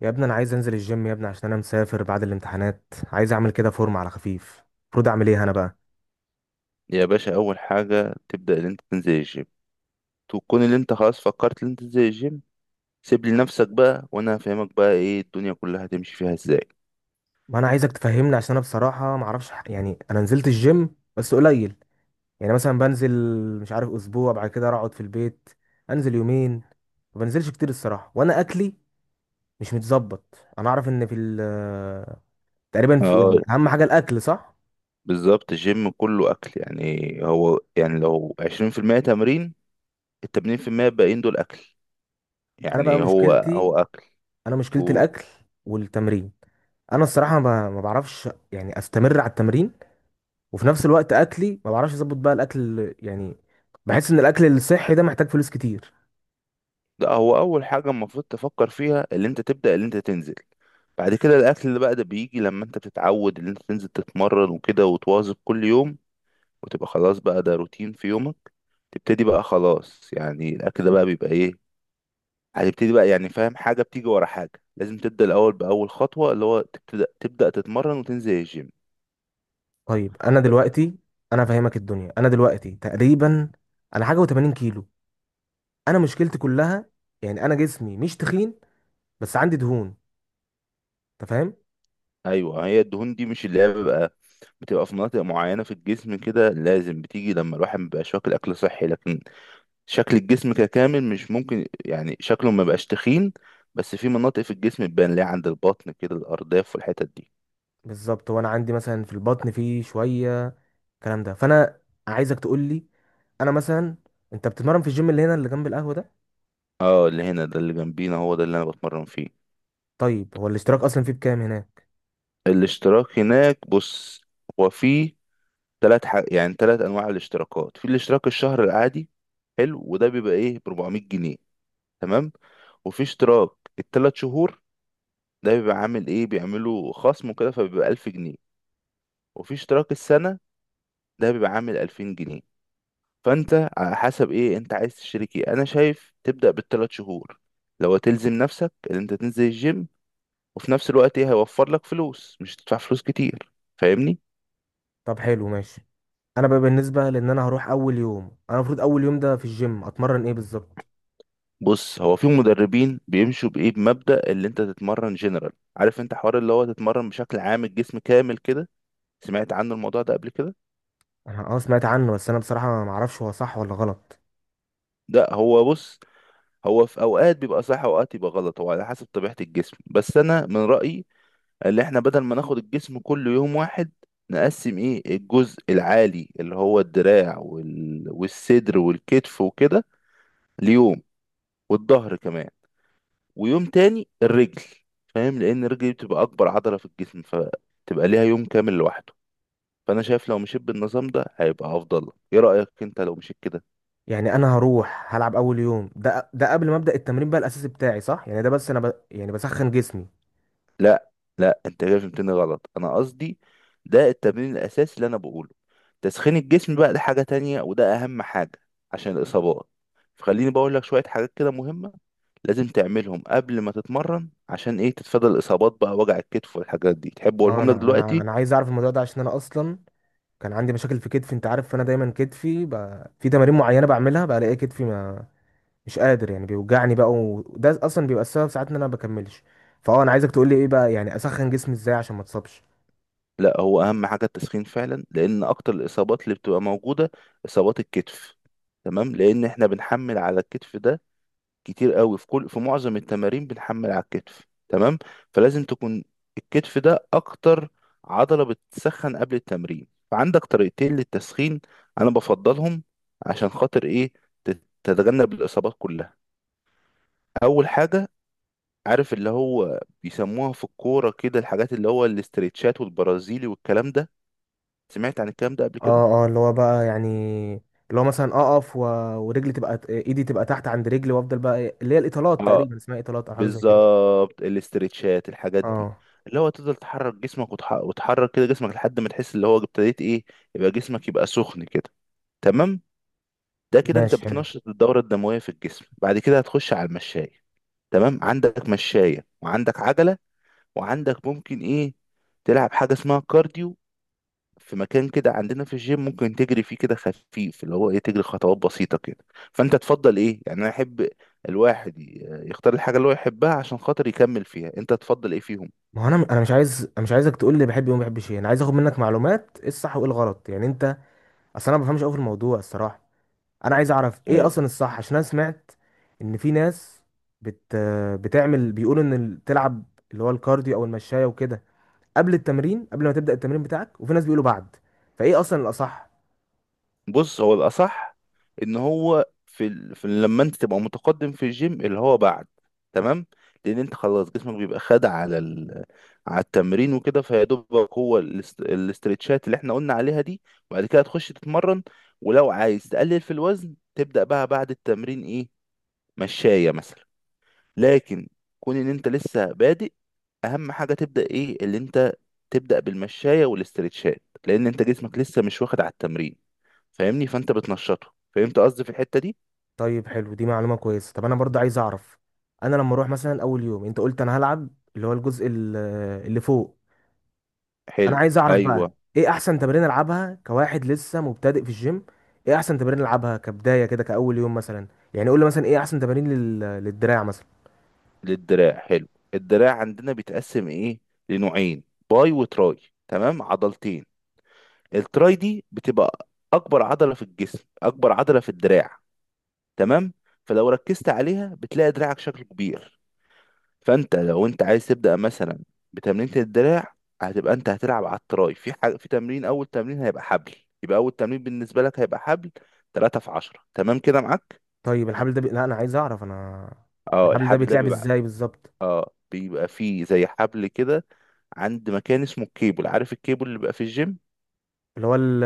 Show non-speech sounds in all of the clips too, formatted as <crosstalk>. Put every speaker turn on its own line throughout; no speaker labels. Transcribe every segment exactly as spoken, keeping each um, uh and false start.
يا ابني، انا عايز انزل الجيم يا ابني عشان انا مسافر بعد الامتحانات. عايز اعمل كده فورم على خفيف. المفروض اعمل ايه انا بقى؟
يا باشا، اول حاجه تبدا ان انت تنزل الجيم. تكون اللي انت خلاص فكرت ان انت تنزل الجيم. سيب لي نفسك بقى وانا هفهمك بقى ايه الدنيا كلها هتمشي فيها ازاي.
ما انا عايزك تفهمني عشان انا بصراحه ما اعرفش ح- يعني انا نزلت الجيم بس قليل. يعني مثلا بنزل، مش عارف، اسبوع بعد كده اقعد في البيت، انزل يومين. ما بنزلش كتير الصراحه، وانا اكلي مش متظبط. انا اعرف ان في ال- <laughs> تقريبا في
اه،
يعني اهم حاجه الاكل، صح.
بالظبط. الجيم كله اكل، يعني هو يعني لو عشرين في المية تمرين، التمانين في المية الباقيين دول اكل.
انا بقى
يعني هو
مشكلتي
هو اكل.
انا مشكلتي
و-
الاكل والتمرين. انا الصراحه ما ما بعرفش يعني استمر على التمرين، وفي نفس الوقت اكلي ما بعرفش اظبط بقى الاكل يعني. بحس ان الاكل الصحي ده محتاج فلوس كتير.
ده هو اول حاجه المفروض تفكر فيها، اللي انت تبدا اللي انت تنزل. بعد كده الاكل اللي بقى ده بيجي لما انت بتتعود ان انت تنزل تتمرن وكده وتواظب كل يوم، وتبقى خلاص بقى ده روتين في يومك. تبتدي بقى خلاص، يعني الاكل ده بقى بيبقى ايه. هتبتدي بقى، يعني فاهم، حاجة بتيجي ورا حاجة. لازم تبدأ الأول بأول خطوة، اللي هو تبتدأ تبدأ تتمرن وتنزل الجيم.
طيب انا
ب-
دلوقتي، انا فاهمك الدنيا. انا دلوقتي تقريبا انا حاجه و80 كيلو. انا مشكلتي كلها يعني انا جسمي مش تخين، بس عندي دهون، انت فاهم.
أيوة، هي الدهون دي مش اللي هي بيبقى بتبقى في مناطق معينة في الجسم كده. لازم بتيجي لما الواحد مبيبقاش واكل أكل صحي، لكن شكل الجسم ككامل مش ممكن يعني شكله مبيبقاش تخين، بس في مناطق في الجسم بتبان ليه، عند البطن كده، الأرداف والحتت دي.
بالظبط، وانا عندي مثلا في البطن فيه شويه الكلام ده. فانا عايزك تقول لي، انا مثلا، انت بتتمرن في الجيم اللي هنا اللي جنب القهوه ده؟
اه، اللي هنا ده اللي جنبينا، هو ده اللي أنا بتمرن فيه.
طيب هو الاشتراك اصلا فيه بكام هناك؟
الاشتراك هناك، بص، هو في ثلاث حاج... يعني ثلاث انواع الاشتراكات. في الاشتراك الشهر العادي حلو، وده بيبقى ايه ب اربعمية جنيه، تمام. وفي اشتراك الثلاث شهور، ده بيبقى عامل ايه، بيعملوا خصم كده فبيبقى الف جنيه. وفي اشتراك السنة، ده بيبقى عامل الفين جنيه. فانت على حسب ايه انت عايز تشترك. ايه، انا شايف تبدأ بالثلاث شهور، لو تلزم نفسك ان انت تنزل الجيم، وفي نفس الوقت ايه، هيوفر لك فلوس، مش هتدفع فلوس كتير. فاهمني.
طب حلو ماشي. انا بقى بالنسبه لان انا هروح اول يوم، انا المفروض اول يوم ده في الجيم اتمرن ايه بالظبط؟
بص، هو في مدربين بيمشوا بايه، بمبدأ اللي انت تتمرن جنرال. عارف انت حوار اللي هو تتمرن بشكل عام، الجسم كامل كده؟ سمعت عنه الموضوع ده قبل كده؟
انا اه سمعت عنه، بس انا بصراحه ما اعرفش هو صح ولا غلط.
ده هو بص، هو في اوقات بيبقى صح اوقات يبقى غلط، هو على حسب طبيعة الجسم. بس انا من رأيي اللي احنا بدل ما ناخد الجسم كله يوم واحد، نقسم ايه الجزء العالي، اللي هو الدراع وال... والصدر والكتف وكده، ليوم. والظهر كمان. ويوم تاني الرجل. فاهم؟ لان الرجل دي بتبقى اكبر عضله في الجسم، فتبقى ليها يوم كامل لوحده. فانا شايف لو مشيت بالنظام ده هيبقى افضل لك. ايه رايك انت لو مشيت كده؟
يعني انا هروح هلعب اول يوم ده ده قبل ما ابدا التمرين بقى الاساسي بتاعي، صح؟ يعني ده بس انا ب... يعني بسخن جسمي.
لا، لا انت كده فهمتني غلط. انا قصدي ده التمرين الاساسي اللي انا بقوله. تسخين الجسم بقى ده حاجه تانية، وده اهم حاجه عشان الاصابات. فخليني بقول لك شويه حاجات كده مهمه، لازم تعملهم قبل ما تتمرن عشان ايه، تتفادى الاصابات بقى، وجع الكتف والحاجات دي. تحب
اه
اقولهم
انا
لك
انا
دلوقتي؟
انا عايز اعرف الموضوع ده عشان انا اصلا كان عندي مشاكل في كتفي، انت عارف. فانا دايما كتفي ب... في تمارين معينه بعملها بلاقي كتفي ما مش قادر، يعني بيوجعني بقى. وده اصلا بيبقى السبب ساعات ان انا ما بكملش. فاه انا عايزك تقول لي ايه بقى، يعني اسخن جسمي ازاي عشان ما اتصابش.
لا، هو اهم حاجه التسخين فعلا، لان اكتر الاصابات اللي بتبقى موجوده اصابات الكتف. تمام؟ لان احنا بنحمل على الكتف ده كتير قوي، في كل في معظم التمارين بنحمل على الكتف، تمام. فلازم تكون الكتف ده اكتر عضله بتسخن قبل التمرين. فعندك طريقتين للتسخين انا بفضلهم، عشان خاطر ايه، تت- تتجنب الاصابات كلها. اول حاجه، عارف اللي هو بيسموها في الكوره كده، الحاجات اللي هو الاسترتشات والبرازيلي والكلام ده؟ سمعت عن الكلام ده قبل كده؟
اه، اه، اللي هو بقى يعني، اللي هو مثلا اقف و... ورجلي تبقى ايدي تبقى تحت عند رجلي وافضل بقى إيه- اللي هي الاطالات،
اه،
تقريبا اسمها اطالات او حاجه زي كده.
بالظبط الاسترتشات الحاجات دي،
اه،
اللي هو تفضل تحرك جسمك وتح... وتحرك كده جسمك لحد ما تحس اللي هو ابتديت ايه، يبقى جسمك يبقى سخن كده، تمام. ده كده انت
ماشي حلو.
بتنشط الدورة الدموية في الجسم. بعد كده هتخش على المشاية، تمام. عندك مشاية وعندك عجلة، وعندك ممكن ايه، تلعب حاجة اسمها كارديو، في مكان كده عندنا في الجيم ممكن تجري فيه كده خفيف، اللي هو ايه، تجري خطوات بسيطة كده. فانت تفضل ايه، يعني انا احب الواحد ي- يختار الحاجة اللي هو يحبها، عشان خاطر يكمل فيها. انت تفضل ايه فيهم؟
ما هو انا انا مش عايز، انا مش عايزك تقول لي بحب ايه وما بحبش ايه. انا عايز اخد منك معلومات ايه الصح وايه الغلط يعني انت. اصل انا ما بفهمش قوي في الموضوع الصراحه. انا عايز اعرف ايه اصلا الصح، عشان انا سمعت ان في ناس بت... بتعمل، بيقولوا ان ال- تلعب اللي هو الكارديو او المشايه وكده قبل التمرين، قبل ما تبدا التمرين بتاعك، وفي ناس بيقولوا بعد. فايه اصلا الاصح؟
بص، هو الأصح إن هو في, ال... في لما أنت تبقى متقدم في الجيم، اللي هو بعد، تمام. لأن أنت خلاص جسمك بيبقى خد على ال... على التمرين وكده، فيا دوبك هو الاست... الاسترتشات اللي إحنا قلنا عليها دي، وبعد كده تخش تتمرن. ولو عايز تقلل في الوزن، تبدأ بقى بعد التمرين إيه، مشاية مثلا. لكن كون إن أنت لسه بادئ، أهم حاجة تبدأ إيه، اللي أنت تبدأ بالمشاية والاسترتشات، لأن أنت جسمك لسه مش واخد على التمرين، فاهمني؟ فانت بتنشطه. فهمت قصدي في الحتة دي؟
طيب حلو، دي معلومة كويسة. طب أنا برضه عايز أعرف. أنا لما أروح مثلا أول يوم، أنت قلت أنا هلعب اللي هو الجزء ال- اللي فوق. أنا
حلو.
عايز أعرف بقى
ايوه.
إيه أحسن تمرين ألعبها كواحد لسه مبتدئ في الجيم. إيه أحسن تمرين ألعبها كبداية كده كأول يوم مثلا؟ يعني قول لي مثلا إيه أحسن تمارين لل... للدراع مثلا.
للدراع، حلو. الدراع عندنا بيتقسم ايه، لنوعين، باي وتراي، تمام، عضلتين. التراي دي بتبقى اكبر عضلة في الجسم، اكبر عضلة في الدراع، تمام. فلو ركزت عليها بتلاقي دراعك شكله كبير. فانت لو انت عايز تبدأ مثلا بتمرينة الدراع، هتبقى انت هتلعب على التراي، في حاجة في تمرين، اول تمرين هيبقى حبل. يبقى اول تمرين بالنسبة لك هيبقى حبل، تلاتة في عشرة، تمام كده معاك؟
طيب الحبل ده بي... لا، أنا عايز أعرف أنا،
اه،
الحبل ده
الحبل ده
بيتلعب
بيبقى،
إزاي بالظبط؟
اه بيبقى فيه زي حبل كده، عند مكان اسمه الكيبل، عارف الكيبل اللي بيبقى في الجيم؟
اللي هو ال...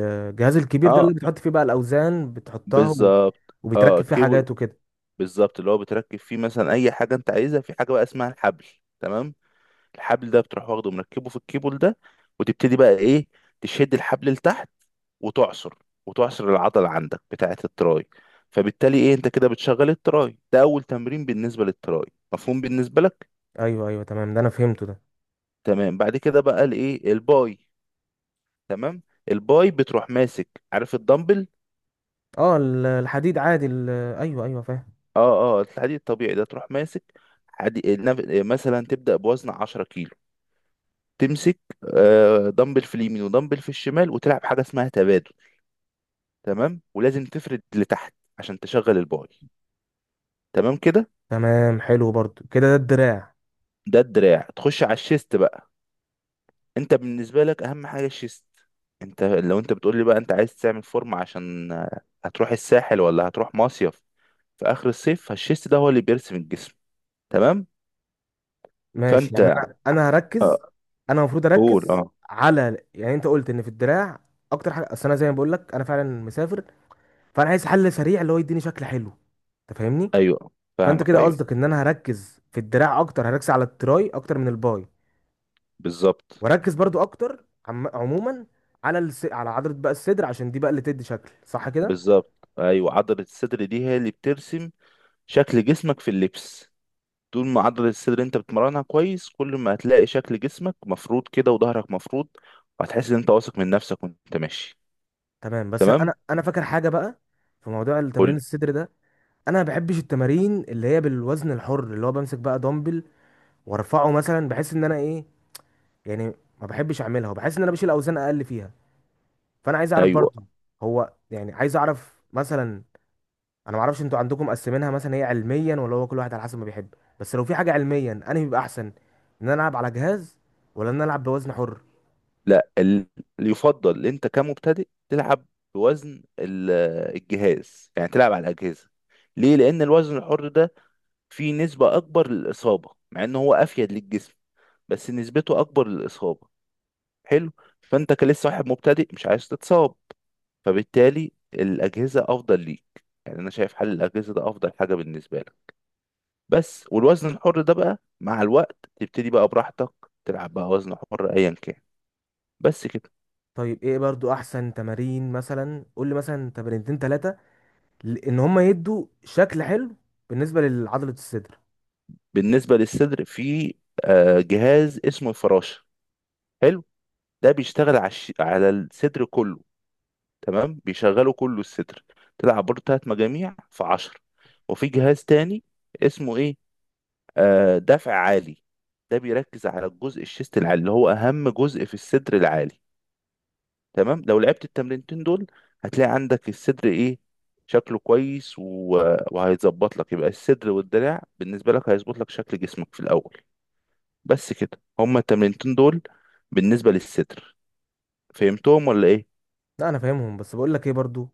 الجهاز الكبير ده اللي
اه،
بتحط فيه بقى الأوزان بتحطها و...
بالظبط، اه
وبيتركب فيه
كيبل.
حاجات وكده.
بالظبط، اللي هو بتركب فيه مثلا اي حاجه انت عايزها، في حاجه بقى اسمها الحبل، تمام. الحبل ده بتروح واخده مركبه في الكيبل ده، وتبتدي بقى ايه، تشد الحبل لتحت وتعصر، وتعصر العضله عندك بتاعه التراي. فبالتالي ايه انت كده بتشغل التراي. ده اول تمرين بالنسبه للتراي، مفهوم بالنسبه لك؟
أيوه، أيوه، تمام، ده أنا فهمته ده.
تمام. بعد كده بقى الايه، الباي، تمام. الباي بتروح ماسك، عارف الدمبل؟
اه، ال- الحديد عادي ال- ايوه، ايوه، فاهم.
اه، اه الحديد الطبيعي ده تروح ماسك، حدي... نف- مثلا تبدأ بوزن عشرة كيلو، تمسك، آه، دمبل في اليمين ودمبل في الشمال، وتلعب حاجة اسمها تبادل، تمام. ولازم تفرد لتحت عشان تشغل الباي، تمام كده.
تمام، حلو برضو كده، ده الدراع.
ده الدراع. تخش على الشيست بقى، انت بالنسبة لك اهم حاجة الشيست. انت لو انت بتقول لي بقى انت عايز تعمل فورم، عشان آه، هتروح الساحل ولا هتروح مصيف في اخر الصيف، فالشيست ده هو اللي بيرسم الجسم، تمام.
ماشي،
فانت
يعني انا انا هركز.
آه،
انا المفروض
قول
اركز
اه.
على، يعني انت قلت ان في الدراع اكتر حاجه. اصل انا زي ما بقول لك انا فعلا مسافر، فانا عايز حل سريع اللي هو يديني شكل حلو، انت فاهمني.
ايوه،
فانت
فاهمك
كده
ايوه.
قصدك ان انا هركز في الدراع اكتر، هركز على التراي اكتر من الباي.
بالظبط.
واركز برضو اكتر عم... عموما على الس... على عضله بقى الصدر، عشان دي بقى اللي تدي شكل صح كده.
بالظبط، ايوه، عضله الصدر دي هي اللي بترسم شكل جسمك في اللبس. طول ما عضله الصدر انت بتمرنها كويس، كل ما هتلاقي شكل جسمك مفروض كده وظهرك مفروض، وهتحس ان انت واثق من نفسك وانت ماشي.
تمام، بس
تمام.
انا انا فاكر حاجه بقى في موضوع التمرين
قول.
الصدر ده. انا ما بحبش التمارين اللي هي بالوزن الحر، اللي هو بمسك بقى دمبل وارفعه مثلا. بحس ان انا ايه يعني، ما بحبش اعملها وبحس ان انا بشيل اوزان اقل فيها. فانا عايز اعرف
ايوه.
برضو. هو يعني، عايز اعرف مثلا، انا ما اعرفش انتوا عندكم مقسمينها مثلا هي علميا ولا هو كل واحد على حسب ما بيحب. بس لو في حاجه علميا انا بيبقى احسن ان انا العب على جهاز ولا ان انا العب بوزن حر.
لا، ال- اللي يفضل إن انت كمبتدئ تلعب بوزن ال- الجهاز، يعني تلعب على الاجهزه. ليه؟ لان الوزن الحر ده في نسبة أكبر للإصابة، مع إن هو أفيد للجسم، بس نسبته أكبر للإصابة. حلو. فأنت كلسه واحد مبتدئ مش عايز تتصاب، فبالتالي الأجهزة أفضل ليك. يعني أنا شايف حل الأجهزة ده أفضل حاجة بالنسبة لك. بس والوزن الحر ده بقى مع الوقت تبتدي بقى براحتك، تلعب بقى وزن حر أيا كان. بس كده.
طيب ايه برضو احسن تمارين؟ مثلا قول لي مثلا تمرينتين ثلاثه ان هم يدوا شكل حلو بالنسبه لعضله الصدر.
بالنسبة للصدر، في آه، جهاز اسمه الفراشة، حلو. ده بيشتغل على الش- على الصدر كله، تمام بيشغلوا كله الستر. تلعب برضه تلات مجاميع في عشرة. وفي جهاز تاني اسمه ايه، آه دفع عالي. ده بيركز على الجزء الشيست العالي، اللي هو اهم جزء في الصدر العالي، تمام. لو لعبت التمرينتين دول، هتلاقي عندك الصدر ايه، شكله كويس. و... وهيظبط لك، يبقى الصدر والدراع بالنسبة لك هيظبط لك شكل جسمك في الأول. بس كده هما التمرينتين دول بالنسبة للصدر. فهمتهم ولا ايه؟
لا، انا فاهمهم، بس بقول لك ايه برضو،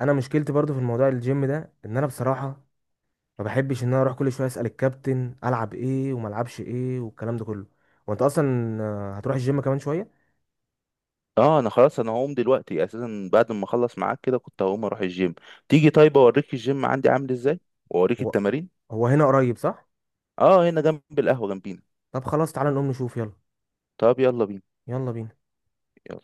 انا مشكلتي برضو في الموضوع الجيم ده ان انا بصراحه ما بحبش ان انا اروح كل شويه اسال الكابتن العب ايه وما العبش ايه والكلام ده كله. وانت اصلا آه، هتروح الجيم كمان شويه.
اه انا خلاص انا هقوم دلوقتي اساسا، بعد ما اخلص معاك كده كنت هقوم اروح الجيم. تيجي طيب اوريك الجيم عندي عامل ازاي، واوريك
هو
التمارين.
هو هنا قريب صح؟
اه هنا جنب القهوة جنبينا.
طب خلاص تعالى نقوم نشوف يلا.
طب يلا بينا.
يلا بينا.
يلا.